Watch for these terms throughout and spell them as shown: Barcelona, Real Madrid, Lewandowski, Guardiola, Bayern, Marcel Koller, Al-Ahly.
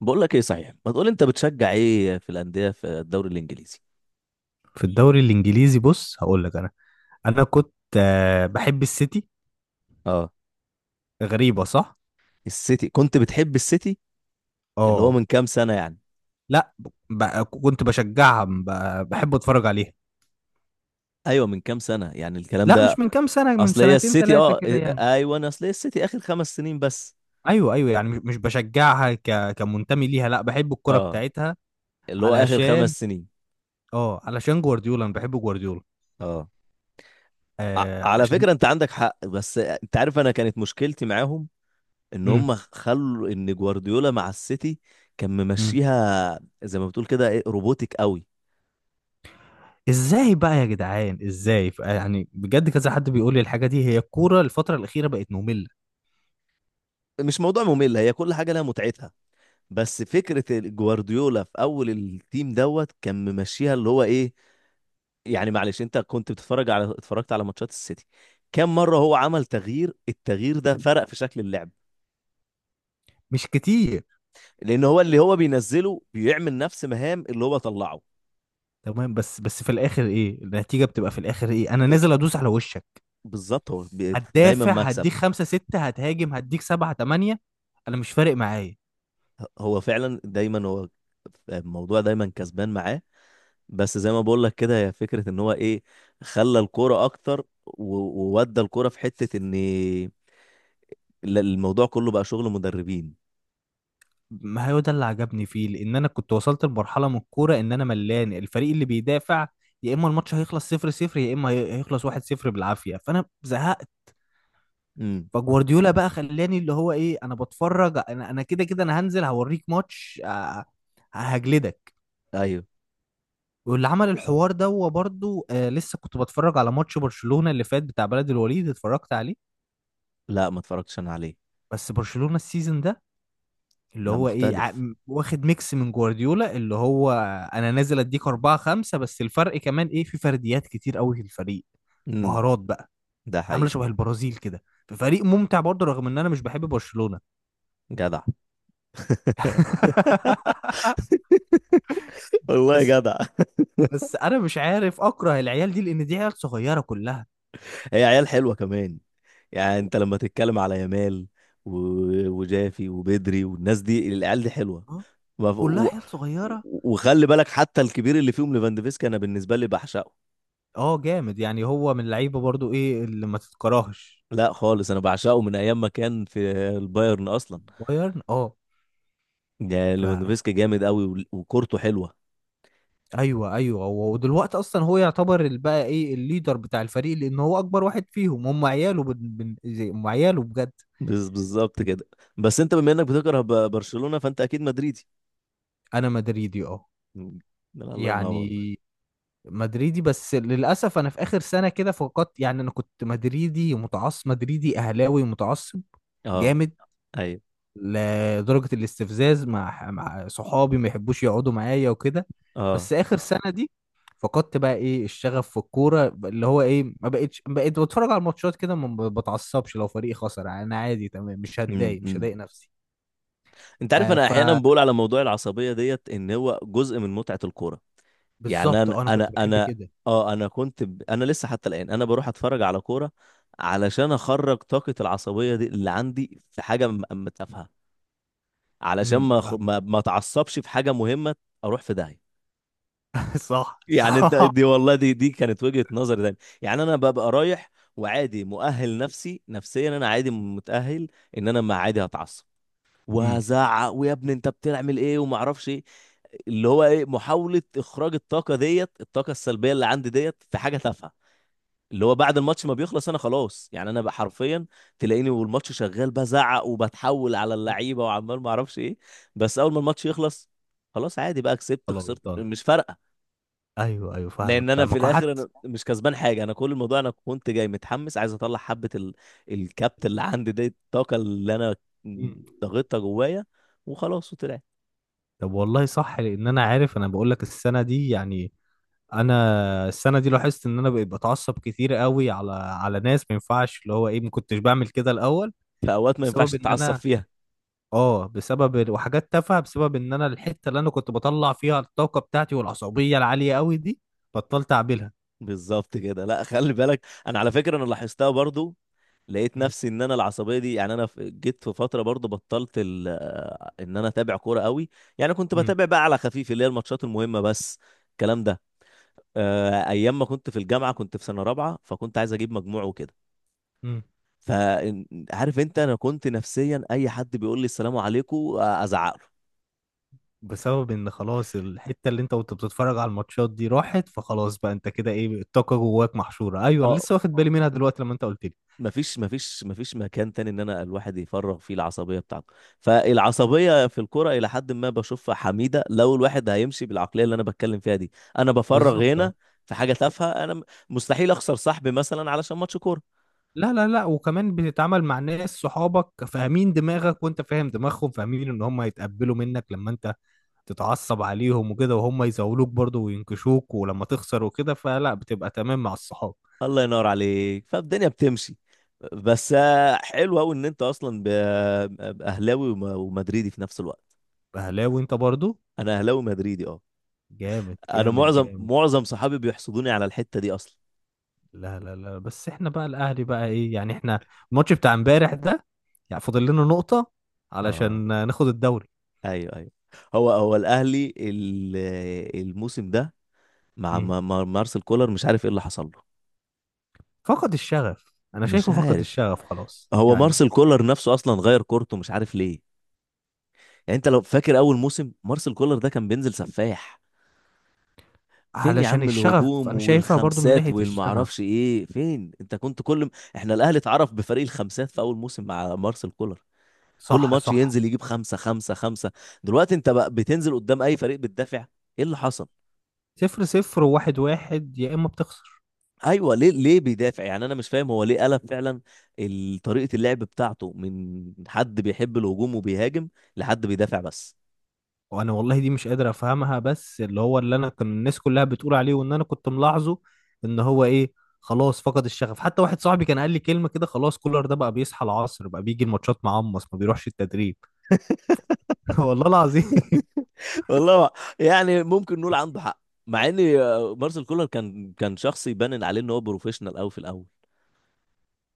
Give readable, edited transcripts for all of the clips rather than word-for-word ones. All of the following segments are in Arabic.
بقول لك ايه؟ صحيح، ما تقول، انت بتشجع ايه في الانديه في الدوري الانجليزي؟ في الدوري الانجليزي، بص هقول لك انا كنت بحب السيتي. اه، غريبه، صح. السيتي كنت بتحب السيتي؟ اللي هو اه. من كام سنه يعني؟ لا. كنت بشجعها، بحب اتفرج عليها. ايوه، من كام سنه يعني الكلام لا، مش ده؟ من كام سنه، من اصل هي سنتين السيتي ثلاثه كده يعني. ايوه، أنا اصل هي السيتي اخر 5 سنين بس. ايوه، ايوه، يعني مش بشجعها كمنتمي ليها، لا، بحب الكره اه، بتاعتها. اللي هو اخر علشان. 5 سنين. اه علشان جوارديولا، انا بحب جوارديولا. اه على عشان. فكره، انت عندك حق، بس انت عارف، انا كانت مشكلتي معاهم ان هم امم خلوا ان جوارديولا مع السيتي كان امم ممشيها زي ما بتقول كده، ايه، روبوتك قوي. ازاي بقى يا جدعان؟ ازاي؟ يعني بجد، كذا حد بيقول لي الحاجه دي، هي الكوره الفتره الاخيره بقت ممله. مش موضوع ممل، هي كل حاجه لها متعتها. بس فكرة جوارديولا في أول التيم دوت كان ممشيها، اللي هو إيه. يعني معلش أنت، كنت بتتفرج على اتفرجت على ماتشات السيتي؟ كم مرة هو عمل تغيير؟ التغيير ده فرق في شكل اللعب؟ مش كتير. لأن هو اللي هو بينزله بيعمل نفس مهام اللي هو طلعه. تمام، بس في الاخر ايه النتيجه؟ بتبقى في الاخر ايه؟ انا نازل ادوس على وشك. بالظبط، هو دايما هتدافع مكسب. هديك خمسة ستة، هتهاجم هديك سبعة تمانية. انا مش فارق معايا. هو فعلا دايما. هو الموضوع دايما كسبان معاه. بس زي ما بقول لك كده، هي فكرة ان هو ايه، خلى الكورة اكتر وودى الكورة في حتة ان الموضوع كله بقى شغل مدربين. ما هو ده اللي عجبني فيه، لان انا كنت وصلت لمرحله من الكوره ان انا ملان الفريق اللي بيدافع. يا اما الماتش هيخلص 0-0، يا اما هيخلص 1-0 بالعافيه، فانا زهقت. امم، فجوارديولا بقى خلاني اللي هو ايه، انا بتفرج. انا كده كده انا هنزل هوريك ماتش، هجلدك. ايوه. واللي عمل الحوار ده هو برضه. لسه كنت بتفرج على ماتش برشلونة اللي فات بتاع بلد الوليد، اتفرجت عليه. لا، ما اتفرجتش انا عليه. بس برشلونة السيزون ده اللي لا، هو ايه، مختلف. واخد ميكس من جوارديولا اللي هو. انا نازل اديك أربعة خمسة، بس الفرق كمان ايه، في فرديات كتير قوي في الفريق. امم. مهارات بقى. ده عاملة حقيقي. شبه البرازيل كده. فريق ممتع برضه رغم ان انا مش بحب برشلونة. جدع. والله بس جدع. بس انا مش عارف اكره العيال دي، لان دي عيال صغيرة كلها. هي عيال حلوه كمان. يعني انت لما تتكلم على يمال و... وجافي وبدري والناس دي، العيال دي حلوه. آه، ما ف- كلها و... عيال صغيرة. وخلي بالك، حتى الكبير اللي فيهم ليفاندوفسكي، انا بالنسبه لي بعشقه. اه جامد، يعني هو من اللعيبه برضو ايه اللي ما تتكرهش. لا خالص، انا بعشقه من ايام ما كان في البايرن اصلا. بايرن، اه. يعني ف ليفاندوفسكي جامد قوي، وكورته حلوه. ايوه، ايوه، ودلوقتي اصلا هو يعتبر بقى ايه الليدر بتاع الفريق، لان هو اكبر واحد فيهم، هم عياله بن... بن... زي- هم عياله بجد. بالظبط كده. بس انت بما انك بتكره برشلونه فانت اكيد مدريدي. انا مدريدي، اه. مم. الله ينور. يعني مدريدي، بس للاسف انا في اخر سنه كده فقدت، يعني انا كنت مدريدي متعصب، مدريدي اهلاوي متعصب. اه، جامد. ايوه، لدرجه الاستفزاز مع صحابي ما يحبوش يقعدوا معايا وكده. اه. بس اخر سنه دي فقدت بقى ايه الشغف في الكوره، اللي هو ايه، ما بقتش، بقيت بتفرج على الماتشات كده، ما بتعصبش لو فريقي خسر. يعني انا عادي، تمام، مش امم، هتضايق، مش أمم. هضايق نفسي. انت عارف، آه، انا احيانا بقول على موضوع العصبيه ديت، ان هو جزء من متعه الكوره. يعني فبالظبط، انا انا انا كنت بحب انا كده. اه انا لسه حتى الان انا بروح اتفرج على كوره، علشان اخرج طاقه العصبيه دي اللي عندي في حاجه تافهه، علشان ما أخ- فاهم. ما ما اتعصبش في حاجه مهمه. اروح في داهيه. صح، يعني انت، صح. دي والله دي كانت وجهة نظر تاني، يعني انا ببقى رايح، وعادي مؤهل نفسي، نفسيا انا عادي متأهل، ان انا، ما عادي، هتعصب امم وهزعق، ويا ابني انت بتعمل ايه وما اعرفش ايه. اللي هو ايه، محاولة اخراج الطاقة ديت، الطاقة السلبية اللي عندي ديت في حاجة تافهة، اللي هو بعد الماتش ما بيخلص انا خلاص. يعني انا بقى حرفيا، تلاقيني والماتش شغال بزعق وبتحول على اللعيبة وعمال ما اعرفش ايه. بس اول ما الماتش يخلص، خلاص عادي بقى، كسبت خلاص خسرت دان. مش فارقة. ايوه، ايوه، لان فاهمك انا في فاهمك، الاخر انا وحتى. مش كسبان حاجه، انا كل الموضوع انا كنت جاي متحمس عايز اطلع حبه الكبت اللي عندي دي، الطاقه اللي انا مم. ضغطتها جوايا، وخلاص وطلعت. طب والله صح، لان انا عارف، انا بقول لك السنه دي يعني. انا السنه دي لاحظت ان انا بقيت بتعصب كتير قوي على ناس ما ينفعش، اللي هو ايه، ما كنتش بعمل كده الاول. في اوقات ما ينفعش بسبب ان تتعصب انا فيها. اه بسبب وحاجات تافهه، بسبب ان انا الحته اللي انا كنت بطلع فيها الطاقه بتاعتي والعصبيه العاليه قوي دي بطلت اعملها. بالظبط كده. لا، خلي بالك، انا على فكره انا لاحظتها برضو، لقيت مم. نفسي ان انا العصبيه دي. يعني انا جيت في فتره برضو بطلت ال... آه، ان انا اتابع كوره قوي. يعني كنت مم. بتابع بقى على خفيف، اللي هي الماتشات المهمه بس، الكلام ده. ايام ما كنت في الجامعه كنت في سنه رابعه، فكنت عايز اجيب مجموع وكده. مم. فعارف انت، انا كنت نفسيا اي حد بيقول لي السلام عليكم ازعق له. بسبب ان خلاص الحته اللي انت كنت بتتفرج على الماتشات دي راحت، فخلاص بقى انت كده ايه، الطاقه جواك محشوره. ايوه، انا اه، لسه واخد بالي منها دلوقتي لما انت قلت لي. مفيش مكان تاني ان انا الواحد يفرغ فيه العصبيه بتاعته، فالعصبيه في الكرة الى حد ما بشوفها حميده، لو الواحد هيمشي بالعقليه اللي انا بتكلم فيها دي. انا بفرغ بالظبط، اه. هنا في حاجه تافهه، انا مستحيل اخسر صاحبي مثلا علشان ماتش كوره. لا، لا، لا، وكمان بتتعامل مع ناس صحابك، فاهمين دماغك وانت فاهم دماغهم، فاهمين ان هم هيتقبلوا منك لما انت تتعصب عليهم وكده، وهم يزاولوك برضو وينكشوك، ولما تخسر وكده فلا، بتبقى تمام مع الصحاب. الله ينور عليك، فالدنيا بتمشي. بس حلو قوي ان انت اصلا اهلاوي ومدريدي في نفس الوقت. اهلاوي انت برضو. انا اهلاوي مدريدي، اه. جامد انا جامد معظم جامد. معظم صحابي بيحسدوني على الحتة دي اصلا. لا، لا، لا، بس احنا بقى الاهلي بقى ايه يعني، احنا الماتش بتاع امبارح ده، يعني فاضل لنا نقطة علشان اه، ناخد الدوري. ايوه، ايوه. هو الاهلي الموسم ده مع مم. مارسيل كولر، مش عارف ايه اللي حصل له. فقد الشغف، انا مش شايفه فقد عارف. الشغف خلاص هو يعني. مارسيل كولر نفسه اصلا غير كورته، مش عارف ليه. يعني انت لو فاكر، اول موسم مارسيل كولر ده كان بينزل سفاح. فين يا علشان عم الشغف، الهجوم انا شايفها برضو من والخمسات ناحية والمعرفش الشغف. ايه؟ فين؟ انت كنت كل احنا الاهلي اتعرف بفريق الخمسات في اول موسم مع مارسيل كولر. كل صح، ماتش صح. ينزل يجيب خمسة خمسة خمسة. دلوقتي انت بقى بتنزل قدام اي فريق بتدافع. ايه اللي حصل؟ 0-0 وواحد واحد يا اما بتخسر. ايوه. ليه بيدافع؟ يعني انا مش فاهم هو ليه قلب فعلا طريقة اللعب بتاعته من حد بيحب الهجوم وبيهاجم لحد بيدافع بس. وانا والله دي مش قادر افهمها، بس اللي هو اللي انا كان الناس كلها بتقول عليه، وان انا كنت ملاحظه ان هو ايه، خلاص فقد الشغف. حتى واحد صاحبي كان قال لي كلمة كده، خلاص كولر ده بقى بيصحى العصر، بقى بيجي الماتشات معمص، ما بيروحش التدريب. والله العظيم. والله. يعني ممكن نقول عنده حق، مع ان مارسيل كولر كان شخص يبان عليه ان هو بروفيشنال قوي في الاول.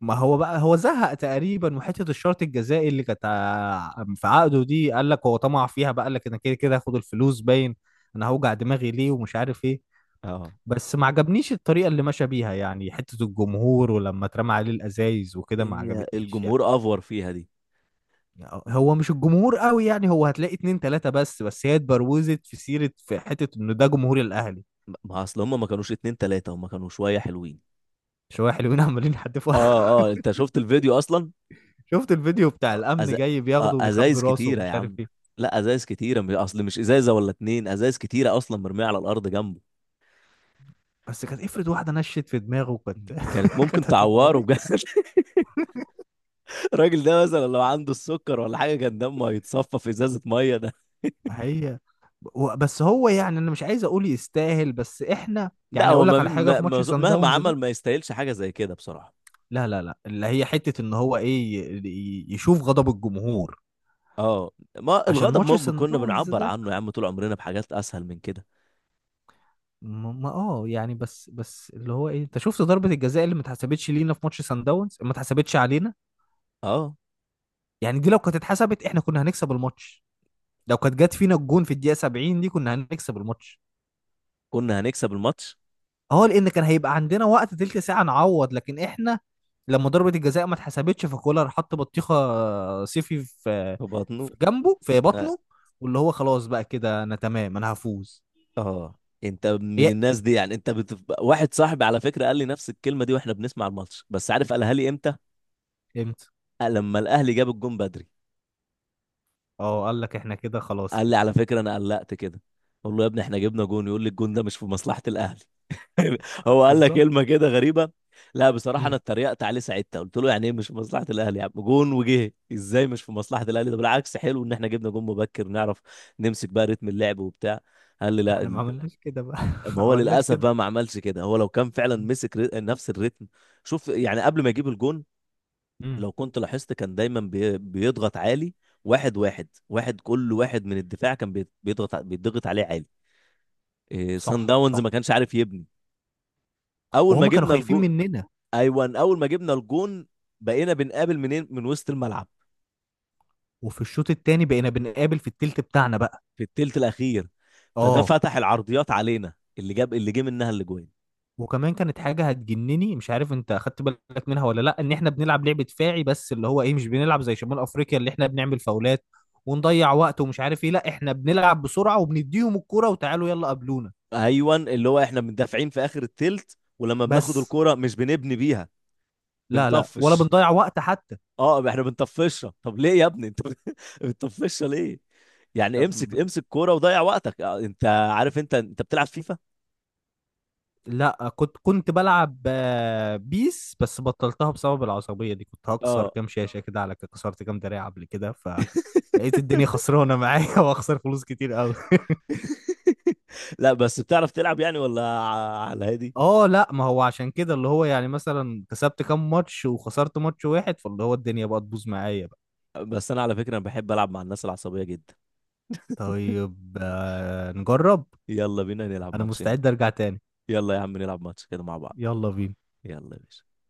ما هو بقى هو زهق تقريبا، وحتة الشرط الجزائي اللي كانت في عقده دي، قال لك هو طمع فيها بقى، قال لك انا كده كده هاخد الفلوس باين، انا هوجع دماغي ليه ومش عارف ايه. اه. بس ما عجبنيش الطريقة اللي مشى بيها، يعني حتة الجمهور ولما اترمى عليه الأزايز وكده ما هي عجبتنيش يعني. الجمهور افور فيها دي. هو مش الجمهور قوي يعني، هو هتلاقي اتنين تلاتة بس، بس هي اتبروزت في سيرة في حتة إنه ده جمهور الأهلي. ما اصل هم، ما كانوش اتنين تلاتة، هم كانوا شوية حلوين. شوية حلوين عمالين يحدفوا. اه، اه، انت شفت الفيديو اصلا؟ شفت الفيديو بتاع أز... الأمن جاي آه، بياخده وبيخبي ازايز راسه كتيره يا ومش عارف عم. إيه. لا، ازايز كتيره، مش اصل مش ازازه ولا اتنين، ازايز كتيره اصلا مرميه على الارض جنبه. بس كانت افرض واحدة نشت في دماغه، كانت. كانت ممكن كانت هتبقى تعوره بجد. وحشة. الراجل ده مثلا لو عنده السكر ولا حاجه، كان دمه هيتصفى في ازازه ميه ده. ما هي. بس هو يعني، أنا مش عايز أقول يستاهل، بس إحنا. لا، يعني هو أقول لك على حاجة في ماتش سان مهما داونز. عمل ما يستاهلش حاجه زي كده بصراحه. لا، لا، لا، اللي هي حتة ان هو ايه، يشوف غضب الجمهور. اه. ما عشان الغضب ماتش ما سان كنا داونز بنعبر ده. عنه يا عم طول عمرنا بحاجات اسهل من كده. اه يعني، بس اللي هو ايه، انت شفت ضربة الجزاء اللي ما اتحسبتش لينا في ماتش سان داونز، ما اتحسبتش علينا؟ اه، يعني دي لو كانت اتحسبت، احنا كنا هنكسب الماتش. لو كانت جت فينا الجون في الدقيقة 70 دي، كنا هنكسب الماتش. كنا هنكسب الماتش. اه، لان كان هيبقى عندنا وقت تلت ساعه نعوض. لكن احنا لما ضربه الجزاء ما اتحسبتش، فكولر حط بطيخه صيفي في وبطنه. في جنبه، في بطنه، واللي هو خلاص بقى كده انا تمام، انا هفوز. اه، انت من يا الناس دي يعني، انت بتبقى. واحد صاحبي على فكره قال لي نفس الكلمه دي واحنا بنسمع الماتش، بس عارف قالها لي امتى؟ امتى. قال لما الاهلي جاب الجون بدري. اه، قال لك احنا كده خلاص قال لي كده. على فكره انا قلقت كده، اقول له يا ابني احنا جبنا جون، يقول لي الجون ده مش في مصلحه الاهلي. آه، هو قال لك بالظبط. كلمه كده غريبه. لا بصراحه، انا امم اتريقت عليه ساعتها، قلت له يعني ايه مش في مصلحه الاهلي يا عم، جون وجه ازاي مش في مصلحه الاهلي، ده بالعكس حلو ان احنا جبنا جون مبكر نعرف نمسك بقى رتم اللعب وبتاع. قال لي احنا لا. ما عملناش كده بقى. ما ما هو عملناش للاسف كده. بقى ما عملش كده، هو لو كان فعلا مسك نفس الريتم. شوف، يعني قبل ما يجيب الجون، امم لو كنت لاحظت كان دايما بيضغط عالي، واحد واحد واحد. كل واحد من الدفاع كان بيضغط بيضغط عليه عالي. إيه، سان صح، داونز ما صح. كانش عارف يبني. اول ما وهم كانوا جبنا خايفين الجون، مننا. ايوه اول ما جبنا الجون، بقينا بنقابل منين؟ من وسط الملعب. وفي الشوط التاني بقينا بنقابل في التلت بتاعنا بقى. في التلت الاخير. فده اه، فتح العرضيات علينا، اللي جاب، اللي جه منها الاجوان. وكمان كانت حاجة هتجنني، مش عارف انت اخدت بالك منها ولا لا، ان احنا بنلعب لعبة دفاعي بس اللي هو ايه، مش بنلعب زي شمال افريقيا اللي احنا بنعمل فاولات ونضيع وقت ومش عارف ايه، لا احنا بنلعب بسرعة وبنديهم الكرة وتعالوا يلا قابلونا. ايوه، اللي هو احنا مندافعين في اخر التلت، ولما بناخد بس. الكرة مش بنبني بيها، لا، لا، ولا بنطفش. بنضيع وقت حتى. اه، احنا بنطفشها. طب ليه يا ابني انت؟ بتطفشها ليه؟ يعني طب امسك امسك كوره وضيع وقتك. انت عارف، انت بتلعب فيفا؟ لا، كنت بلعب، بيس، بس بطلتها بسبب العصبية دي، كنت هكسر اه. كام شاشة كده على كده، كسرت كام دراع قبل كده، فلقيت الدنيا خسرانة معايا واخسر فلوس كتير. لا بس بتعرف تلعب يعني، ولا على هادي؟ اه، لا ما هو عشان كده اللي هو يعني مثلا كسبت كام ماتش وخسرت ماتش واحد، فاللي هو الدنيا بقى تبوظ معايا بقى. بس انا على فكره انا بحب العب مع الناس العصبيه جدا. طيب، نجرب. يلا بينا نلعب انا ماتشين. مستعد ارجع تاني. يلا يا عم نلعب ماتش كده مع بعض. يلا بينا. يلا يا باشا.